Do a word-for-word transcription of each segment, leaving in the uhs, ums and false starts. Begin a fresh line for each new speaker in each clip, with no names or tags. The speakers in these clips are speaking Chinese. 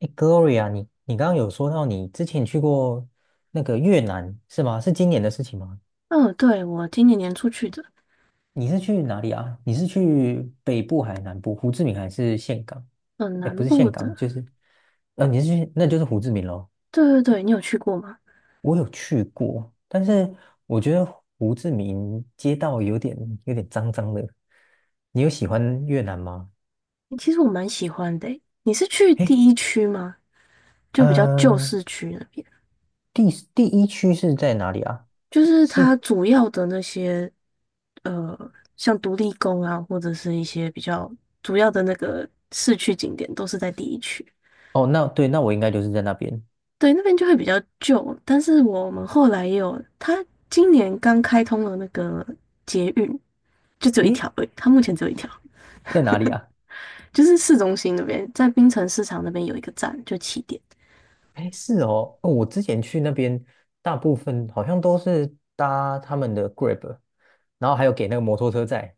哎，Gloria，你你刚刚有说到你之前去过那个越南是吗？是今年的事情吗？
嗯，对，我今年年初去的，
你是去哪里啊？你是去北部还是南部？胡志明还是岘港？
嗯，
哎，不
南
是
部
岘
的，
港，就是呃，你是去那就是胡志明咯。
对对对，你有去过吗？
我有去过，但是我觉得胡志明街道有点有点脏脏的。你有喜欢越南吗？
其实我蛮喜欢的诶。你是去
哎，
第一区吗？就比较旧
呃，
市区那边，
第第一区是在哪里啊？
就是它
是
主要的那些，呃，像独立宫啊，或者是一些比较主要的那个市区景点，都是在第一区。
哦，那对，那我应该就是在那边。
对，那边就会比较旧，但是我们后来也有，它今年刚开通了那个捷运，就只有一
诶，
条而已，它目前只有一条。
在哪里啊？
就是市中心那边，在槟城市场那边有一个站，就起点。
哎，是哦，哦我之前去那边，大部分好像都是搭他们的 Grab，然后还有给那个摩托车载。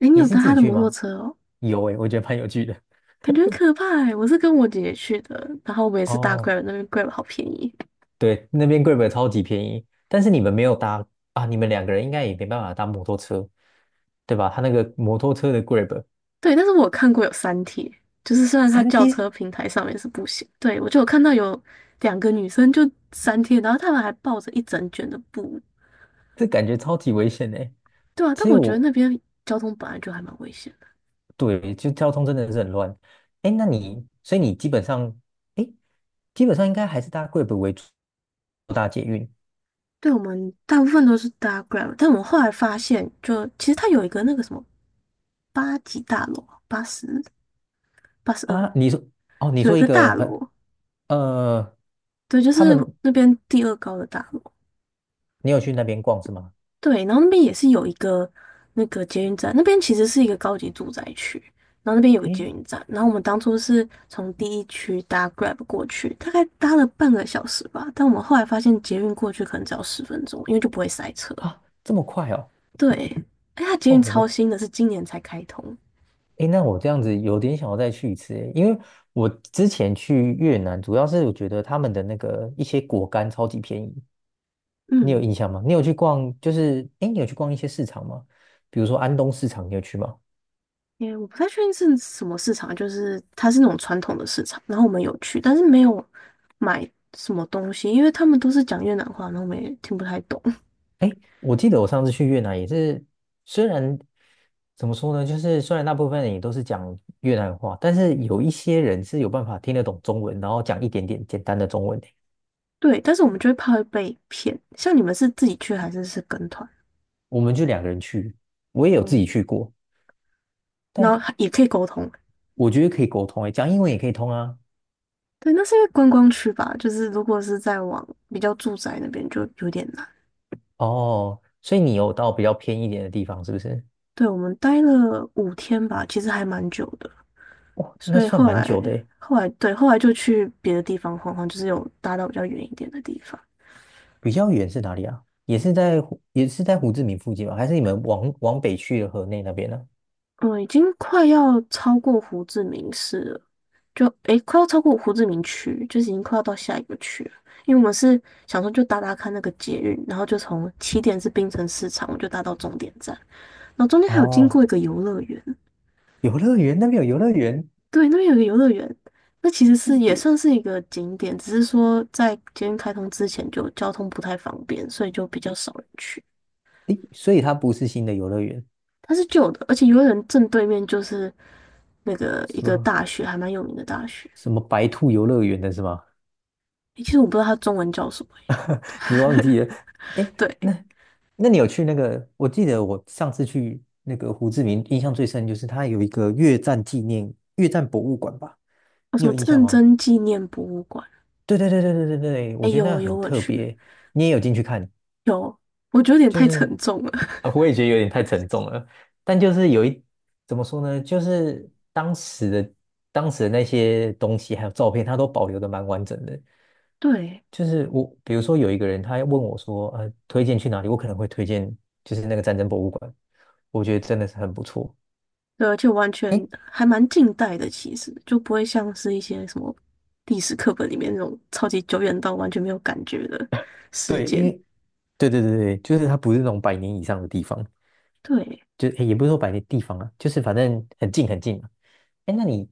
诶，你
你
有
是
搭
自
他
己
的
去
摩托
吗？
车哦，
有哎，我觉得蛮有趣的。
感觉很可怕诶。我是跟我姐姐去的，然后我们也是搭
哦，
Grab，那边 Grab 好便宜。
对，那边 Grab 超级便宜，但是你们没有搭啊，你们两个人应该也没办法搭摩托车，对吧？他那个摩托车的 Grab
对，但是我有看过有三贴，就是虽然它
三
轿
天，
车平台上面是不行，对，我就有看到有两个女生就三贴，然后她们还抱着一整卷的布，
这感觉超级危险哎。
对啊，但
其实
我觉得
我
那边交通本来就还蛮危险的。
对，就交通真的是很乱。哎，那你，所以你基本上，哎，基本上应该还是搭贵北为主，不搭捷运
对，我们大部分都是搭 Grab，但我们后来发现就，其实它有一个那个什么八级大楼啊八十八十二
啊？你说，哦，你
有一
说一
个
个
大
很，
楼，
呃，
对，就
他
是
们，
那边第二高的大楼，
你有去那边逛是吗？
对，然后那边也是有一个那个捷运站，那边其实是一个高级住宅区，然后那边有个捷
哎，
运站，然后我们当初是从第一区搭 Grab 过去，大概搭了半个小时吧，但我们后来发现捷运过去可能只要十分钟，因为就不会塞车，
啊，这么快哦？
对，哎，它捷
哦，
运超
我，
新的，是今年才开通，
哎，那我这样子有点想要再去一次诶，因为我之前去越南，主要是我觉得他们的那个一些果干超级便宜，你有
嗯，
印象吗？你有去逛，就是，哎，你有去逛一些市场吗？比如说安东市场，你有去吗？
诶，我不太确定是什么市场，就是它是那种传统的市场，然后我们有去，但是没有买什么东西，因为他们都是讲越南话，然后我们也听不太懂。
哎，我记得我上次去越南也是，虽然怎么说呢，就是虽然大部分人也都是讲越南话，但是有一些人是有办法听得懂中文，然后讲一点点简单的中文的。
对，但是我们就会怕会被骗。像你们是自己去还是是跟团？
我们就两个人去，我也有自
哦，
己去过，
然
但
后也可以沟通。
我觉得可以沟通诶，讲英文也可以通啊。
对，那是因为观光区吧，就是如果是在往比较住宅那边就有点难。
哦，所以你有到比较偏一点的地方，是不是？
对，我们待了五天吧，其实还蛮久的，
那
所以
算
后
蛮
来，
久的诶。
后来对后来就去别的地方晃晃，就是有搭到比较远一点的地方。
比较远是哪里啊？也是在胡也是在胡志明附近吗？还是你们往往北去的河内那边呢？
嗯，已经快要超过胡志明市了，就诶，快要超过胡志明区，就是已经快要到下一个区了。因为我们是想说就搭搭看那个捷运，然后就从起点是槟城市场，我就搭到终点站，然后中间还有经过
哦，
一个游乐园，
游乐园那边有游乐园。
对，那边有一个游乐园，那其实
是
是也
也，
算是一个景点，只是说在捷运开通之前就交通不太方便，所以就比较少人去。
诶，所以它不是新的游乐园，
它是旧的，而且游乐园正对面就是那个一
什
个
么
大学，还蛮有名的大学。
什么白兔游乐园的是吗？
诶其实我不知道它中文叫什么耶。
你忘记了？诶，
对，
那那你有去那个？我记得我上次去那个胡志明，印象最深就是它有一个越战纪念越战博物馆吧？
有
你
什
有
么
印象
战
吗？
争纪念博物馆？
对对对对对对对，
哎，
我觉得那
呦，有
很
我
特
去，
别，你也有进去看，
有，我觉得有点
就
太沉
是
重了。
啊，我也觉得有点太沉重了，但就是有一，怎么说呢，就是当时的当时的那些东西还有照片，它都保留的蛮完整的。
对，
就是我，比如说有一个人，他要问我说，呃，推荐去哪里？我可能会推荐就是那个战争博物馆，我觉得真的是很不错。
对，而且完全
诶，
还蛮近代的，其实就不会像是一些什么历史课本里面那种超级久远到完全没有感觉的事
对，因
件。
为对对对对，就是它不是那种百年以上的地方，
对，
就诶也不是说百年地方啊，就是反正很近很近嘛。哎，那你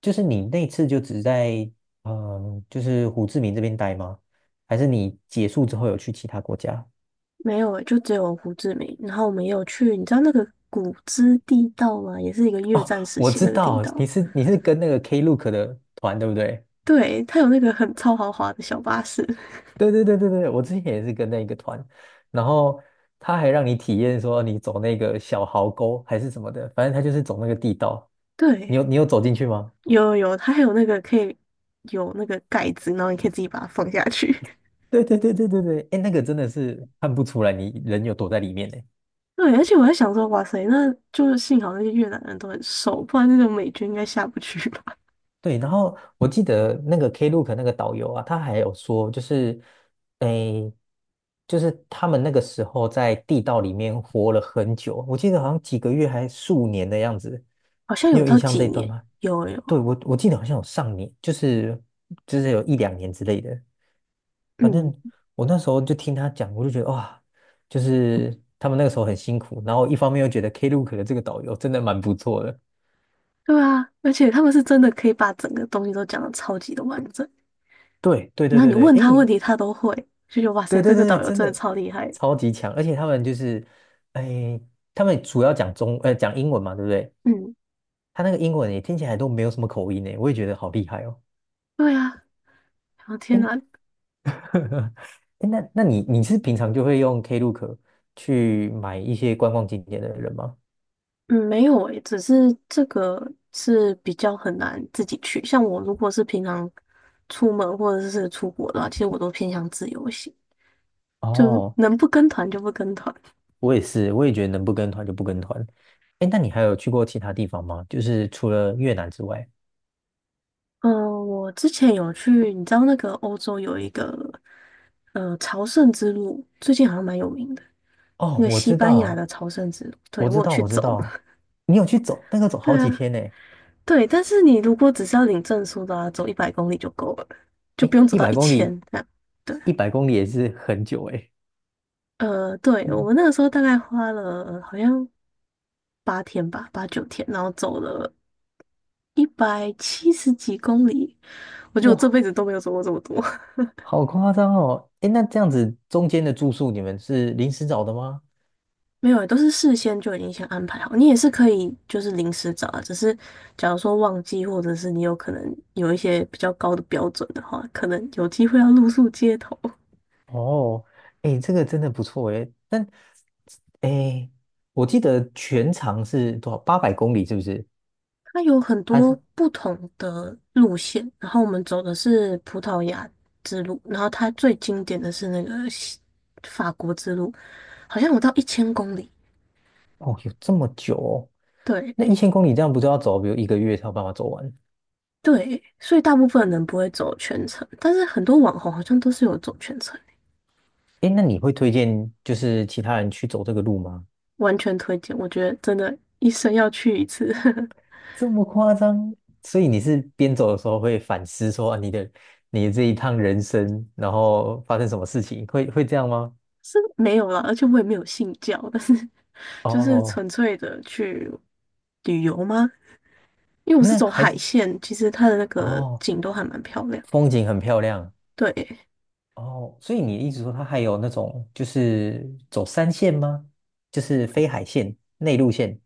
就是你那次就只在嗯，就是胡志明这边待吗？还是你结束之后有去其他国家？
没有诶，就只有胡志明。然后我们也有去，你知道那个古芝地道吗？也是一个越
哦，
战时
我
期的
知
那个地
道，你
道。
是你是跟那个 Klook 的团，对不对？
对，它有那个很超豪华的小巴士。
对对对对对，我之前也是跟那个团，然后他还让你体验说你走那个小壕沟还是什么的，反正他就是走那个地道。你
对，
有你有走进去吗？
有有有，它还有那个可以有那个盖子，然后你可以自己把它放下去。
对对对对对对，哎，那个真的是看不出来你人有躲在里面呢。
对，而且我在想说，哇塞，那就是幸好那些越南人都很瘦，不然那种美军应该下不去吧？
对，然后我记得那个 Klook 那个导游啊，他还有说，就是，诶，就是他们那个时候在地道里面活了很久，我记得好像几个月还数年的样子，
好像
你
有
有印
到
象
几
这一段
年，
吗？
有有，
对，我我记得好像有上年，就是就是有一两年之类的，反
嗯，
正我那时候就听他讲，我就觉得哇，就是他们那个时候很辛苦，然后一方面又觉得 Klook 的这个导游真的蛮不错的。
对啊，而且他们是真的可以把整个东西都讲的超级的完整，
对对
然
对
后
对
你
对，
问
哎，
他问
你
题他都会，就觉得哇
对
塞，
对
这个
对，
导游
真
真的
的
超厉害。
超级强，而且他们就是，哎，他们主要讲中，呃，讲英文嘛，对不对？
嗯，
他那个英文也听起来都没有什么口音呢，我也觉得好厉害哦。
对啊，然后天
哎，
哪，
哎那那你你是平常就会用 Klook 去买一些观光景点的人吗？
嗯，没有诶，只是这个是比较很难自己去。像我如果是平常出门或者是出国的话，其实我都偏向自由行，就
哦，
能不跟团就不跟团。
我也是，我也觉得能不跟团就不跟团。哎，那你还有去过其他地方吗？就是除了越南之外？
嗯，我之前有去，你知道那个欧洲有一个呃朝圣之路，最近好像蛮有名的，那
哦，
个
我
西
知
班牙
道，
的朝圣之路，对，
我
我
知
有
道，
去
我知
走。
道，你有去走那个走 好
对
几
啊，
天呢。
对，但是你如果只是要领证书的啊，走一百公里就够了，就不
哎，
用走
一
到
百
一
公里，
千这样。对。
一百公里也是很久哎。
呃，对，我
嗯，
们那个时候大概花了呃好像八天吧，八九天，然后走了一百七十几公里。我觉得我这
哇，
辈子都没有走过这么多，
好夸张哦！哎，那这样子中间的住宿你们是临时找的吗？
没有欸都是事先就已经先安排好。你也是可以就是临时找啊，只是假如说忘记，或者是你有可能有一些比较高的标准的话，可能有机会要露宿街头。
哦，哎，这个真的不错哎。但哎，诶我记得全长是多少？八百公里是不是？
它有很
还
多
是
不同的路线，然后我们走的是葡萄牙之路，然后它最经典的是那个西法国之路，好像有到一千公里。
哦，有这么久哦？那一
对
千公里这样不就要走，比如一个月才有办法走完？
对，所以大部分人不会走全程，但是很多网红好像都是有走全程，
哎，那你会推荐就是其他人去走这个路吗？
完全推荐。我觉得真的，一生要去一次，
这么夸张？所以你是边走的时候会反思说啊你的你的这一趟人生，然后发生什么事情，会会这样吗？
是没有了，而且我也没有信教，但是就是
哦，
纯粹的去旅游吗？因为我是
那
走
还
海
是
线，其实它的那个
哦，
景都还蛮漂亮。
风景很漂亮
对，
哦，所以你一直说它还有那种就是走山线吗？就是非海线、内陆线？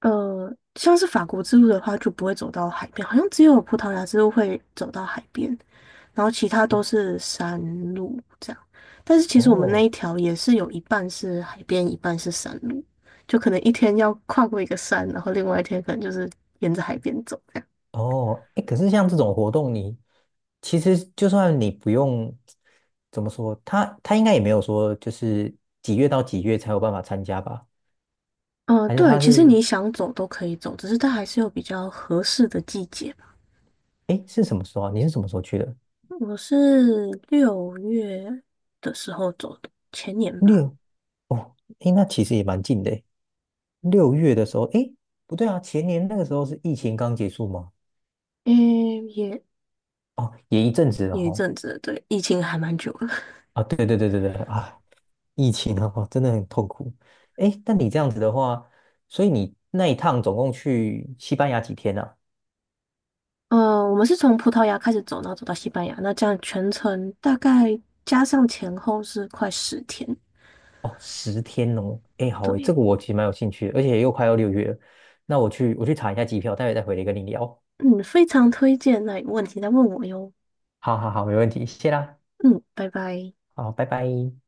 呃，像是法国之路的话，就不会走到海边，好像只有葡萄牙之路会走到海边，然后其他都
哦
是山路这样。但是其实我们那
哦，
一条也是有一半是海边，一半是山路，就可能一天要跨过一个山，然后另外一天可能就是沿着海边走这样。
哦，哎，可是像这种活动你，其实就算你不用怎么说，他他应该也没有说就是几月到几月才有办法参加吧？
嗯、呃
还是
对，
他
其实
是
你想走都可以走，只是它还是有比较合适的季节吧。
哎是什么时候啊？你是什么时候去的？
我是六月的时候走的，前年吧。
六哦，哎，那其实也蛮近的诶六月的时候，哎，不对啊，前年那个时候是疫情刚结束吗？
嗯，也
哦，也一阵子了
有一
哦。
阵子了对，疫情还蛮久了。
啊，对对对对对啊，疫情的话真的很痛苦。哎，但你这样子的话，所以你那一趟总共去西班牙几天啊
呃，我们是从葡萄牙开始走，然后走到西班牙，那这样全程大概加上前后是快十天。
哦，十天哦，哎，好诶，这
对，
个我其实蛮有兴趣的，而且又快要六月了，那我去我去查一下机票，待会再回来跟你聊。
嗯，非常推荐。那有问题再问我哟。
好好好，没问题，谢啦，
嗯，拜拜。
好，拜拜。